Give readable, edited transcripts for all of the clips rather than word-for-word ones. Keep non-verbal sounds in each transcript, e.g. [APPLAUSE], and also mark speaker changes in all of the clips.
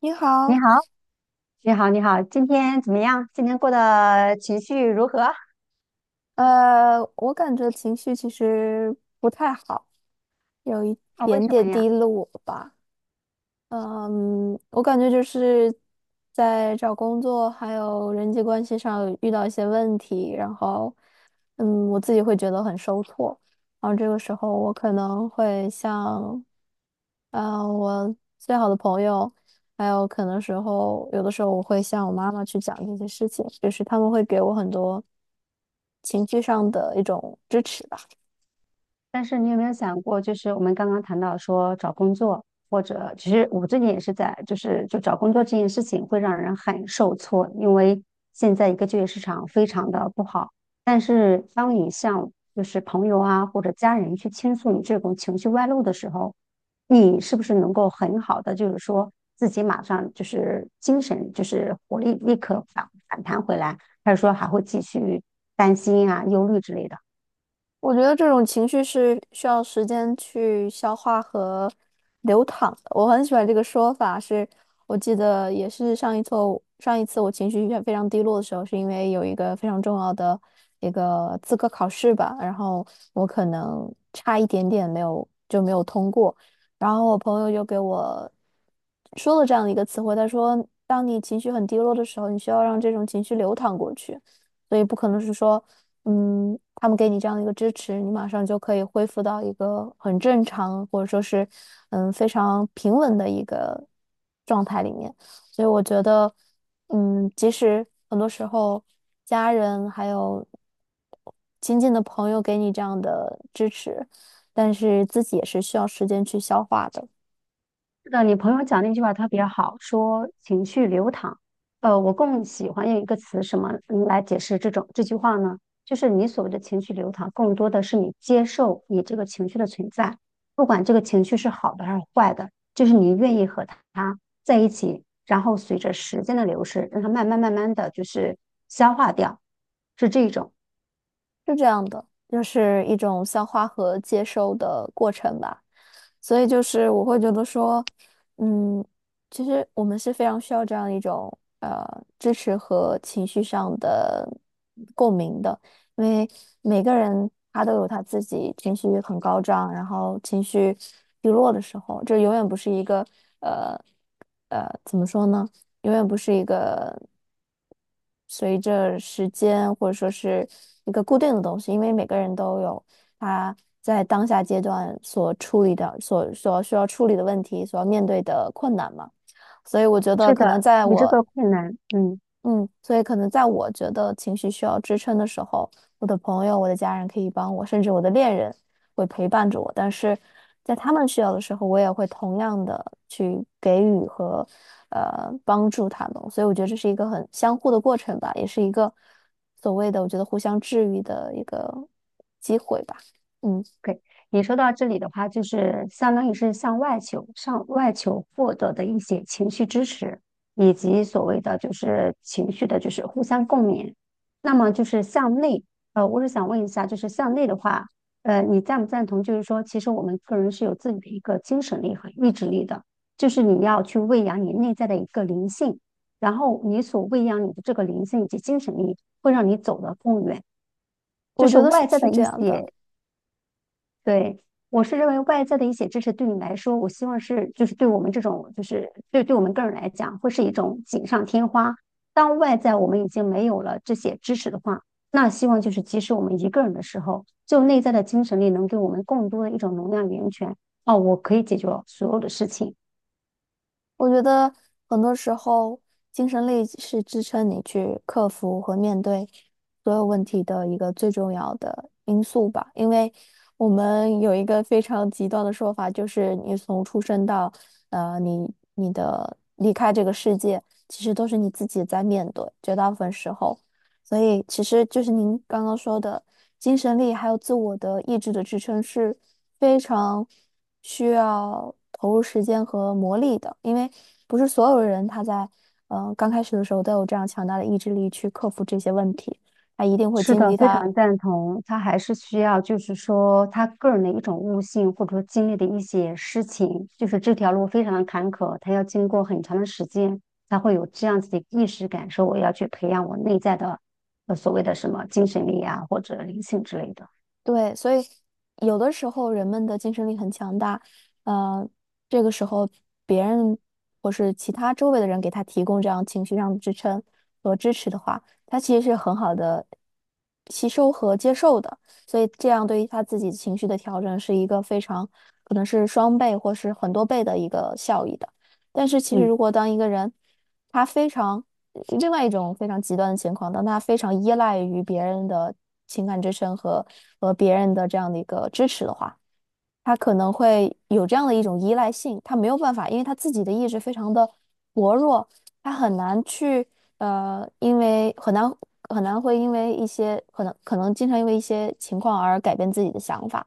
Speaker 1: 你
Speaker 2: 你
Speaker 1: 好，
Speaker 2: 好，你好，你好，今天怎么样？今天过得情绪如何？啊，
Speaker 1: 我感觉情绪其实不太好，有一
Speaker 2: 为
Speaker 1: 点
Speaker 2: 什
Speaker 1: 点
Speaker 2: 么呀？
Speaker 1: 低落吧。嗯，我感觉就是在找工作还有人际关系上遇到一些问题，然后，嗯，我自己会觉得很受挫，然后这个时候我可能会向，我最好的朋友，还有可能时候有的时候我会向我妈妈去讲这些事情，就是他们会给我很多情绪上的一种支持。
Speaker 2: 但是你有没有想过，就是我们刚刚谈到说找工作，或者其实我最近也是在，就是就找工作这件事情会让人很受挫，因为现在一个就业市场非常的不好。但是当你向就是朋友啊或者家人去倾诉你这种情绪外露的时候，你是不是能够很好的就是说自己马上就是精神就是活力立刻反弹回来，还是说还会继续担心啊忧虑之类的？
Speaker 1: 我觉得这种情绪是需要时间去消化和流淌的。我很喜欢这个说法是，我记得也是上一次我情绪非常低落的时候，是因为有一个非常重要的一个资格考试吧，然后我可能差一点点没有通过，然后我朋友就给我说了这样的一个词汇，他说，当你情绪很低落的时候，你需要让这种情绪流淌过去。所以不可能是说嗯，他们给你这样的一个支持，你马上就可以恢复到一个很正常，或者说是嗯非常平稳的一个状态里面。所以我觉得，嗯，即使很多时候家人还有亲近的朋友给你这样的支持，但是自己也是需要时间去消化的。
Speaker 2: 是的，你朋友讲那句话特别好，说情绪流淌。我更喜欢用一个词什么嗯来解释这种这句话呢？就是你所谓的情绪流淌，更多的是你接受你这个情绪的存在，不管这个情绪是好的还是坏的，就是你愿意和它在一起，然后随着时间的流逝，让它慢慢的就是消化掉，是这种。
Speaker 1: 是这样的，就是一种消化和接收的过程吧。所以就是我会觉得说，嗯，其实我们是非常需要这样一种支持和情绪上的共鸣的，因为每个人他都有他自己情绪很高涨，然后情绪低落的时候，这永远不是一个呃怎么说呢？永远不是一个随着时间或者说是一个固定的东西，因为每个人都有他在当下阶段所处理的、所需要处理的问题，所要面对的困难嘛。所以我觉得，
Speaker 2: 是
Speaker 1: 可能
Speaker 2: 的，
Speaker 1: 在
Speaker 2: 你这
Speaker 1: 我
Speaker 2: 个困难，嗯。
Speaker 1: 嗯，所以可能在我觉得情绪需要支撑的时候，我的朋友、我的家人可以帮我，甚至我的恋人会陪伴着我。但是在他们需要的时候，我也会同样的去给予和帮助他们。所以我觉得这是一个很相互的过程吧，也是一个所谓的我觉得互相治愈的一个，嗯，
Speaker 2: OK，你说到这里的话，就是相当于是向外求、向外求获得的一些情绪支持，以及所谓的就是情绪的，就是互相共勉。那么就是向内，我是想问一下，就是向内的话，你赞不赞同？就是说，其实我们个人是有自己的一个精神力和意志力的，就是你要去喂养你内在的一个灵性，然后你所喂养你的这个灵性以及精神力，会让你走得更远。就
Speaker 1: 我
Speaker 2: 是
Speaker 1: 觉得是
Speaker 2: 外在
Speaker 1: 是
Speaker 2: 的
Speaker 1: 这
Speaker 2: 一
Speaker 1: 样的。
Speaker 2: 些对，我是认为外在的一些支持对你来说，我希望是就是对我们这种就是对我们个人来讲，会是一种锦上添花。当外在我们已经没有了这些支持的话，那希望就是即使我们一个人的时候，就内在的精神力能给我们更多的一种能量源泉。哦，我可以解决所有的事情，
Speaker 1: 我觉得很多时候，精神力是支撑你去克服和面对所有问题的一个最重要的因素吧。因为我们有一个非常极端的说法，就是你从出生到呃你你的离开这个世界，其实都是你自己在面对，绝大部分时候。所以其实就是您刚刚说的。精神力还有自我的意志的支撑是非常需要投入时间和磨砺的，因为不是所有人他在刚开始的时候都有这样强大的意志力去克服这些问题，他一定会
Speaker 2: 是
Speaker 1: 经
Speaker 2: 的，
Speaker 1: 历
Speaker 2: 非
Speaker 1: 他
Speaker 2: 常赞同。他还是需要，就是说他个人的一种悟性，或者说经历的一些事情，就是这条路非常的坎坷，他要经过很长的时间，他会有这样子的意识感受。说我要去培养我内在的，所谓的什么精神力啊，或者灵性之类的。
Speaker 1: 对，所以有的时候人们的精神力很强大，呃，这个时候别人或是其他周围的人给他提供这样情绪上的支撑和支持的话，他其实是很好的吸收和接受的，所以这样对于他自己情绪的调整是一个非常可能是双倍或是很多倍的一个效益的。但是其实
Speaker 2: 嗯，
Speaker 1: 如果当一个人他非常另外一种非常极端的情况，当他非常依赖于别人的情感支撑和别人的这样的一个支持的话，他可能会有这样的一种依赖性，他没有办法，因为他自己的意志非常的薄弱，他很难去很难会因为一些可能经常因为一些情况而改变自己的想法，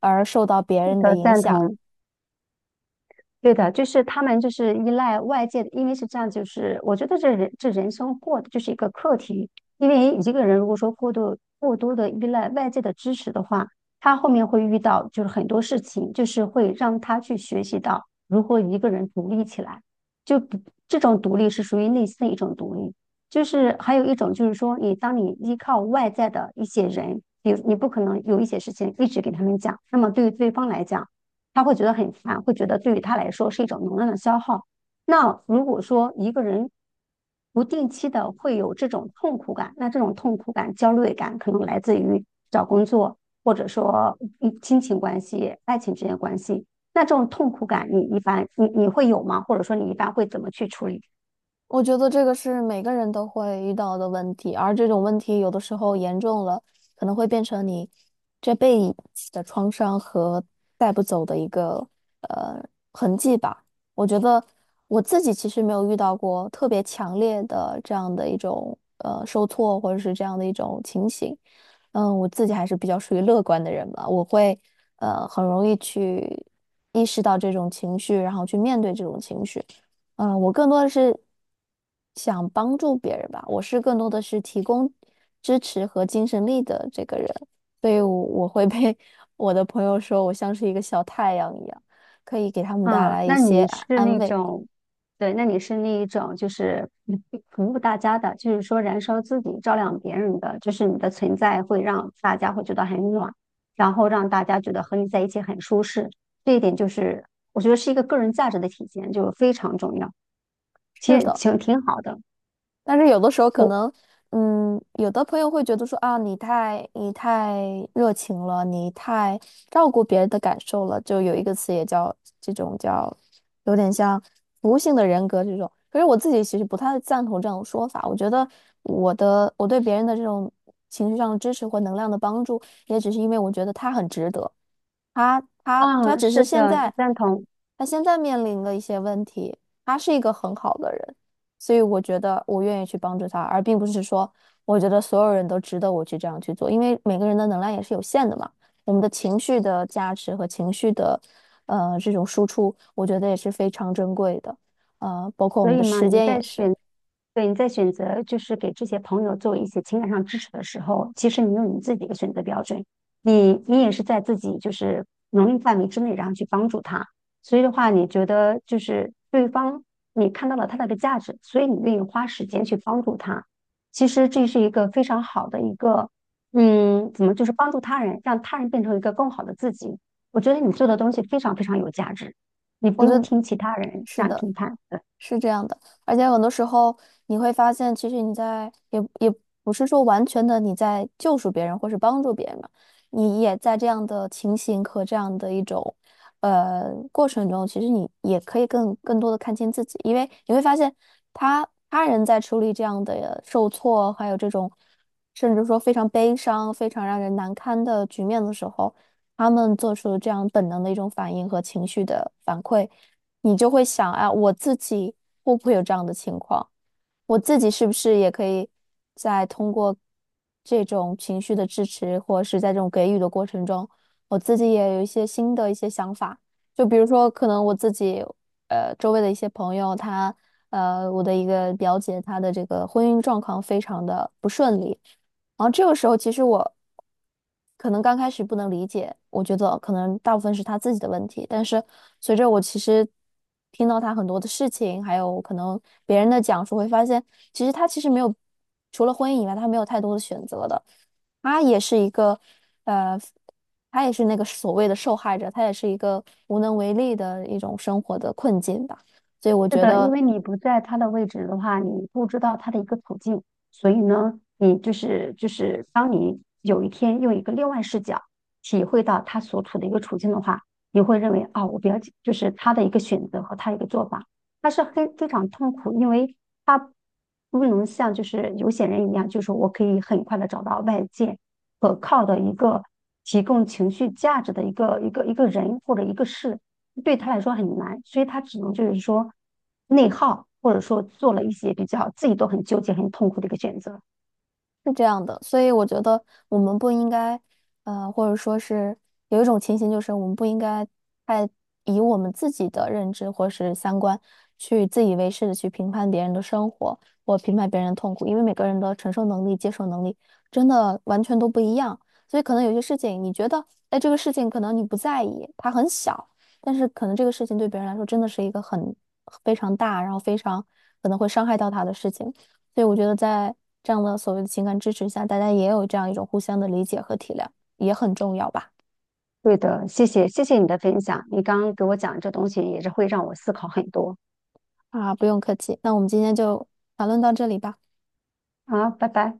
Speaker 1: 而受到别人的
Speaker 2: 的
Speaker 1: 影
Speaker 2: 赞
Speaker 1: 响。
Speaker 2: 同。对的，就是他们就是依赖外界的，因为是这样，就是我觉得这人生过的就是一个课题，因为一个人如果说过度过多的依赖外界的支持的话，他后面会遇到就是很多事情，就是会让他去学习到如何一个人独立起来，就不这种独立是属于内心的一种独立，就是还有一种就是说你当你依靠外在的一些人，比如你不可能有一些事情一直给他们讲，那么对于对方来讲。他会觉得很烦，会觉得对于他来说是一种能量的消耗。那如果说一个人不定期的会有这种痛苦感，那这种痛苦感、焦虑感可能来自于找工作，或者说嗯亲情关系、爱情之间的关系。那这种痛苦感，你一般你会有吗？或者说你一般会怎么去处理？
Speaker 1: 我觉得这个是每个人都会遇到的问题，而这种问题有的时候严重了，可能会变成你这辈子的创伤和带不走的一个呃痕迹吧。我觉得我自己其实没有遇到过特别强烈的这样的一种受挫或者是这样的一种情形。嗯，我自己还是比较属于乐观的人吧，我会很容易去意识到这种情绪，然后去面对这种情绪。嗯，我更多的是想帮助别人吧，我是更多的是提供支持和精神力的这个人，所以我会被 [LAUGHS] 我的朋友说我像是一个小太阳一样，可以给他们带
Speaker 2: 啊，
Speaker 1: 来一
Speaker 2: 那
Speaker 1: 些
Speaker 2: 你
Speaker 1: 安
Speaker 2: 是
Speaker 1: 安
Speaker 2: 那
Speaker 1: 慰。
Speaker 2: 种，对，那你是那一种，就是嗯 [LAUGHS] 服务大家的，就是说燃烧自己，照亮别人的，就是你的存在会让大家会觉得很暖，然后让大家觉得和你在一起很舒适。这一点就是我觉得是一个个人价值的体现，就非常重要，其
Speaker 1: 是
Speaker 2: 实
Speaker 1: 的。
Speaker 2: 挺好的。
Speaker 1: 但是有的时候可
Speaker 2: 我，
Speaker 1: 能，嗯，有的朋友会觉得说啊，你太热情了，你太照顾别人的感受了，就有一个词也叫这种叫，有点像服务性的人格这种。可是我自己其实不太赞同这种说法，我觉得我对别人的这种情绪上的支持或能量的帮助，也只是因为我觉得他很值得。他
Speaker 2: 啊，
Speaker 1: 只
Speaker 2: 是
Speaker 1: 是现
Speaker 2: 的，
Speaker 1: 在，
Speaker 2: 赞同。
Speaker 1: 他现在面临了一些问题。他是一个很好的人，所以我觉得我愿意去帮助他，而并不是说我觉得所有人都值得我去这样去做，因为每个人的能量也是有限的嘛。我们的情绪的价值和情绪的这种输出，我觉得也是非常珍贵的，包括我
Speaker 2: 所
Speaker 1: 们
Speaker 2: 以
Speaker 1: 的
Speaker 2: 嘛，
Speaker 1: 时
Speaker 2: 你
Speaker 1: 间
Speaker 2: 在
Speaker 1: 也是。
Speaker 2: 选，对，你在选择就是给这些朋友做一些情感上支持的时候，其实你有你自己的选择标准，你也是在自己就是能力范围之内，然后去帮助他。所以的话，你觉得就是对方你看到了他的一个价值，所以你愿意花时间去帮助他。其实这是一个非常好的一个，嗯，怎么就是帮助他人，让他人变成一个更好的自己。我觉得你做的东西非常非常有价值，你不
Speaker 1: 我觉
Speaker 2: 用
Speaker 1: 得
Speaker 2: 听其他人这
Speaker 1: 是
Speaker 2: 样
Speaker 1: 的。
Speaker 2: 评判。
Speaker 1: 是这样的，而且很多时候你会发现，其实你在也不是说完全的你在救赎别人或是帮助别人嘛，你也在这样的情形和这样的一种过程中，其实你也可以更多的看清自己，因为你会发现他人在处理这样的受挫，还有这种甚至说非常悲伤、非常让人难堪的局面的时候，他们做出这样本能的一种反应和情绪的反馈。你就会想，啊，我自己会不会有这样的情况？我自己是不是也可以在通过这种情绪的支持，或者是在这种给予的过程中，我自己也有一些新的一些想法。就比如说，可能我自己周围的一些朋友，我的一个表姐，她的这个婚姻状况非常的不顺利，然后这个时候，其实我可能刚开始不能理解，我觉得可能大部分是他自己的问题。但是随着我其实听到他很多的事情，还有可能别人的讲述，会发现其实没有除了婚姻以外，他没有太多的选择的。他也是一个呃，他也是那个所谓的受害者，他也是一个无能为力的一种生活的困境吧。所以我
Speaker 2: 是
Speaker 1: 觉
Speaker 2: 的，因
Speaker 1: 得。
Speaker 2: 为你不在他的位置的话，你不知道他的一个处境，所以呢，你就是当你有一天用一个另外视角体会到他所处的一个处境的话，你会认为啊、我比较就是他的一个选择和他的一个做法他是非常痛苦，因为他不能像就是有些人一样，就是我可以很快的找到外界可靠的一个提供情绪价值的一个人或者一个事，对他来说很难，所以他只能就是说内耗，或者说做了一些比较自己都很纠结、很痛苦的一个选择。
Speaker 1: 是这样的，所以我觉得我们不应该，或者说是有一种情形，就是我们不应该太以我们自己的认知或是三观去自以为是的去评判别人的生活或评判别人的痛苦，因为每个人的承受能力、接受能力真的完全都不一样，所以可能有些事情你觉得，哎，这个事情可能你不在意，它很小，但是可能这个事情对别人来说真的是一个很非常大，然后非常可能会伤害到他的事情。所以我觉得在这样的所谓的情感支持下，大家也有这样一种互相的理解和体谅，也很重要吧。
Speaker 2: 对的，谢谢，谢谢你的分享，你刚刚给我讲这东西也是会让我思考很多。
Speaker 1: 啊，不用客气，那我们今天就讨论到这里吧。
Speaker 2: 好，拜拜。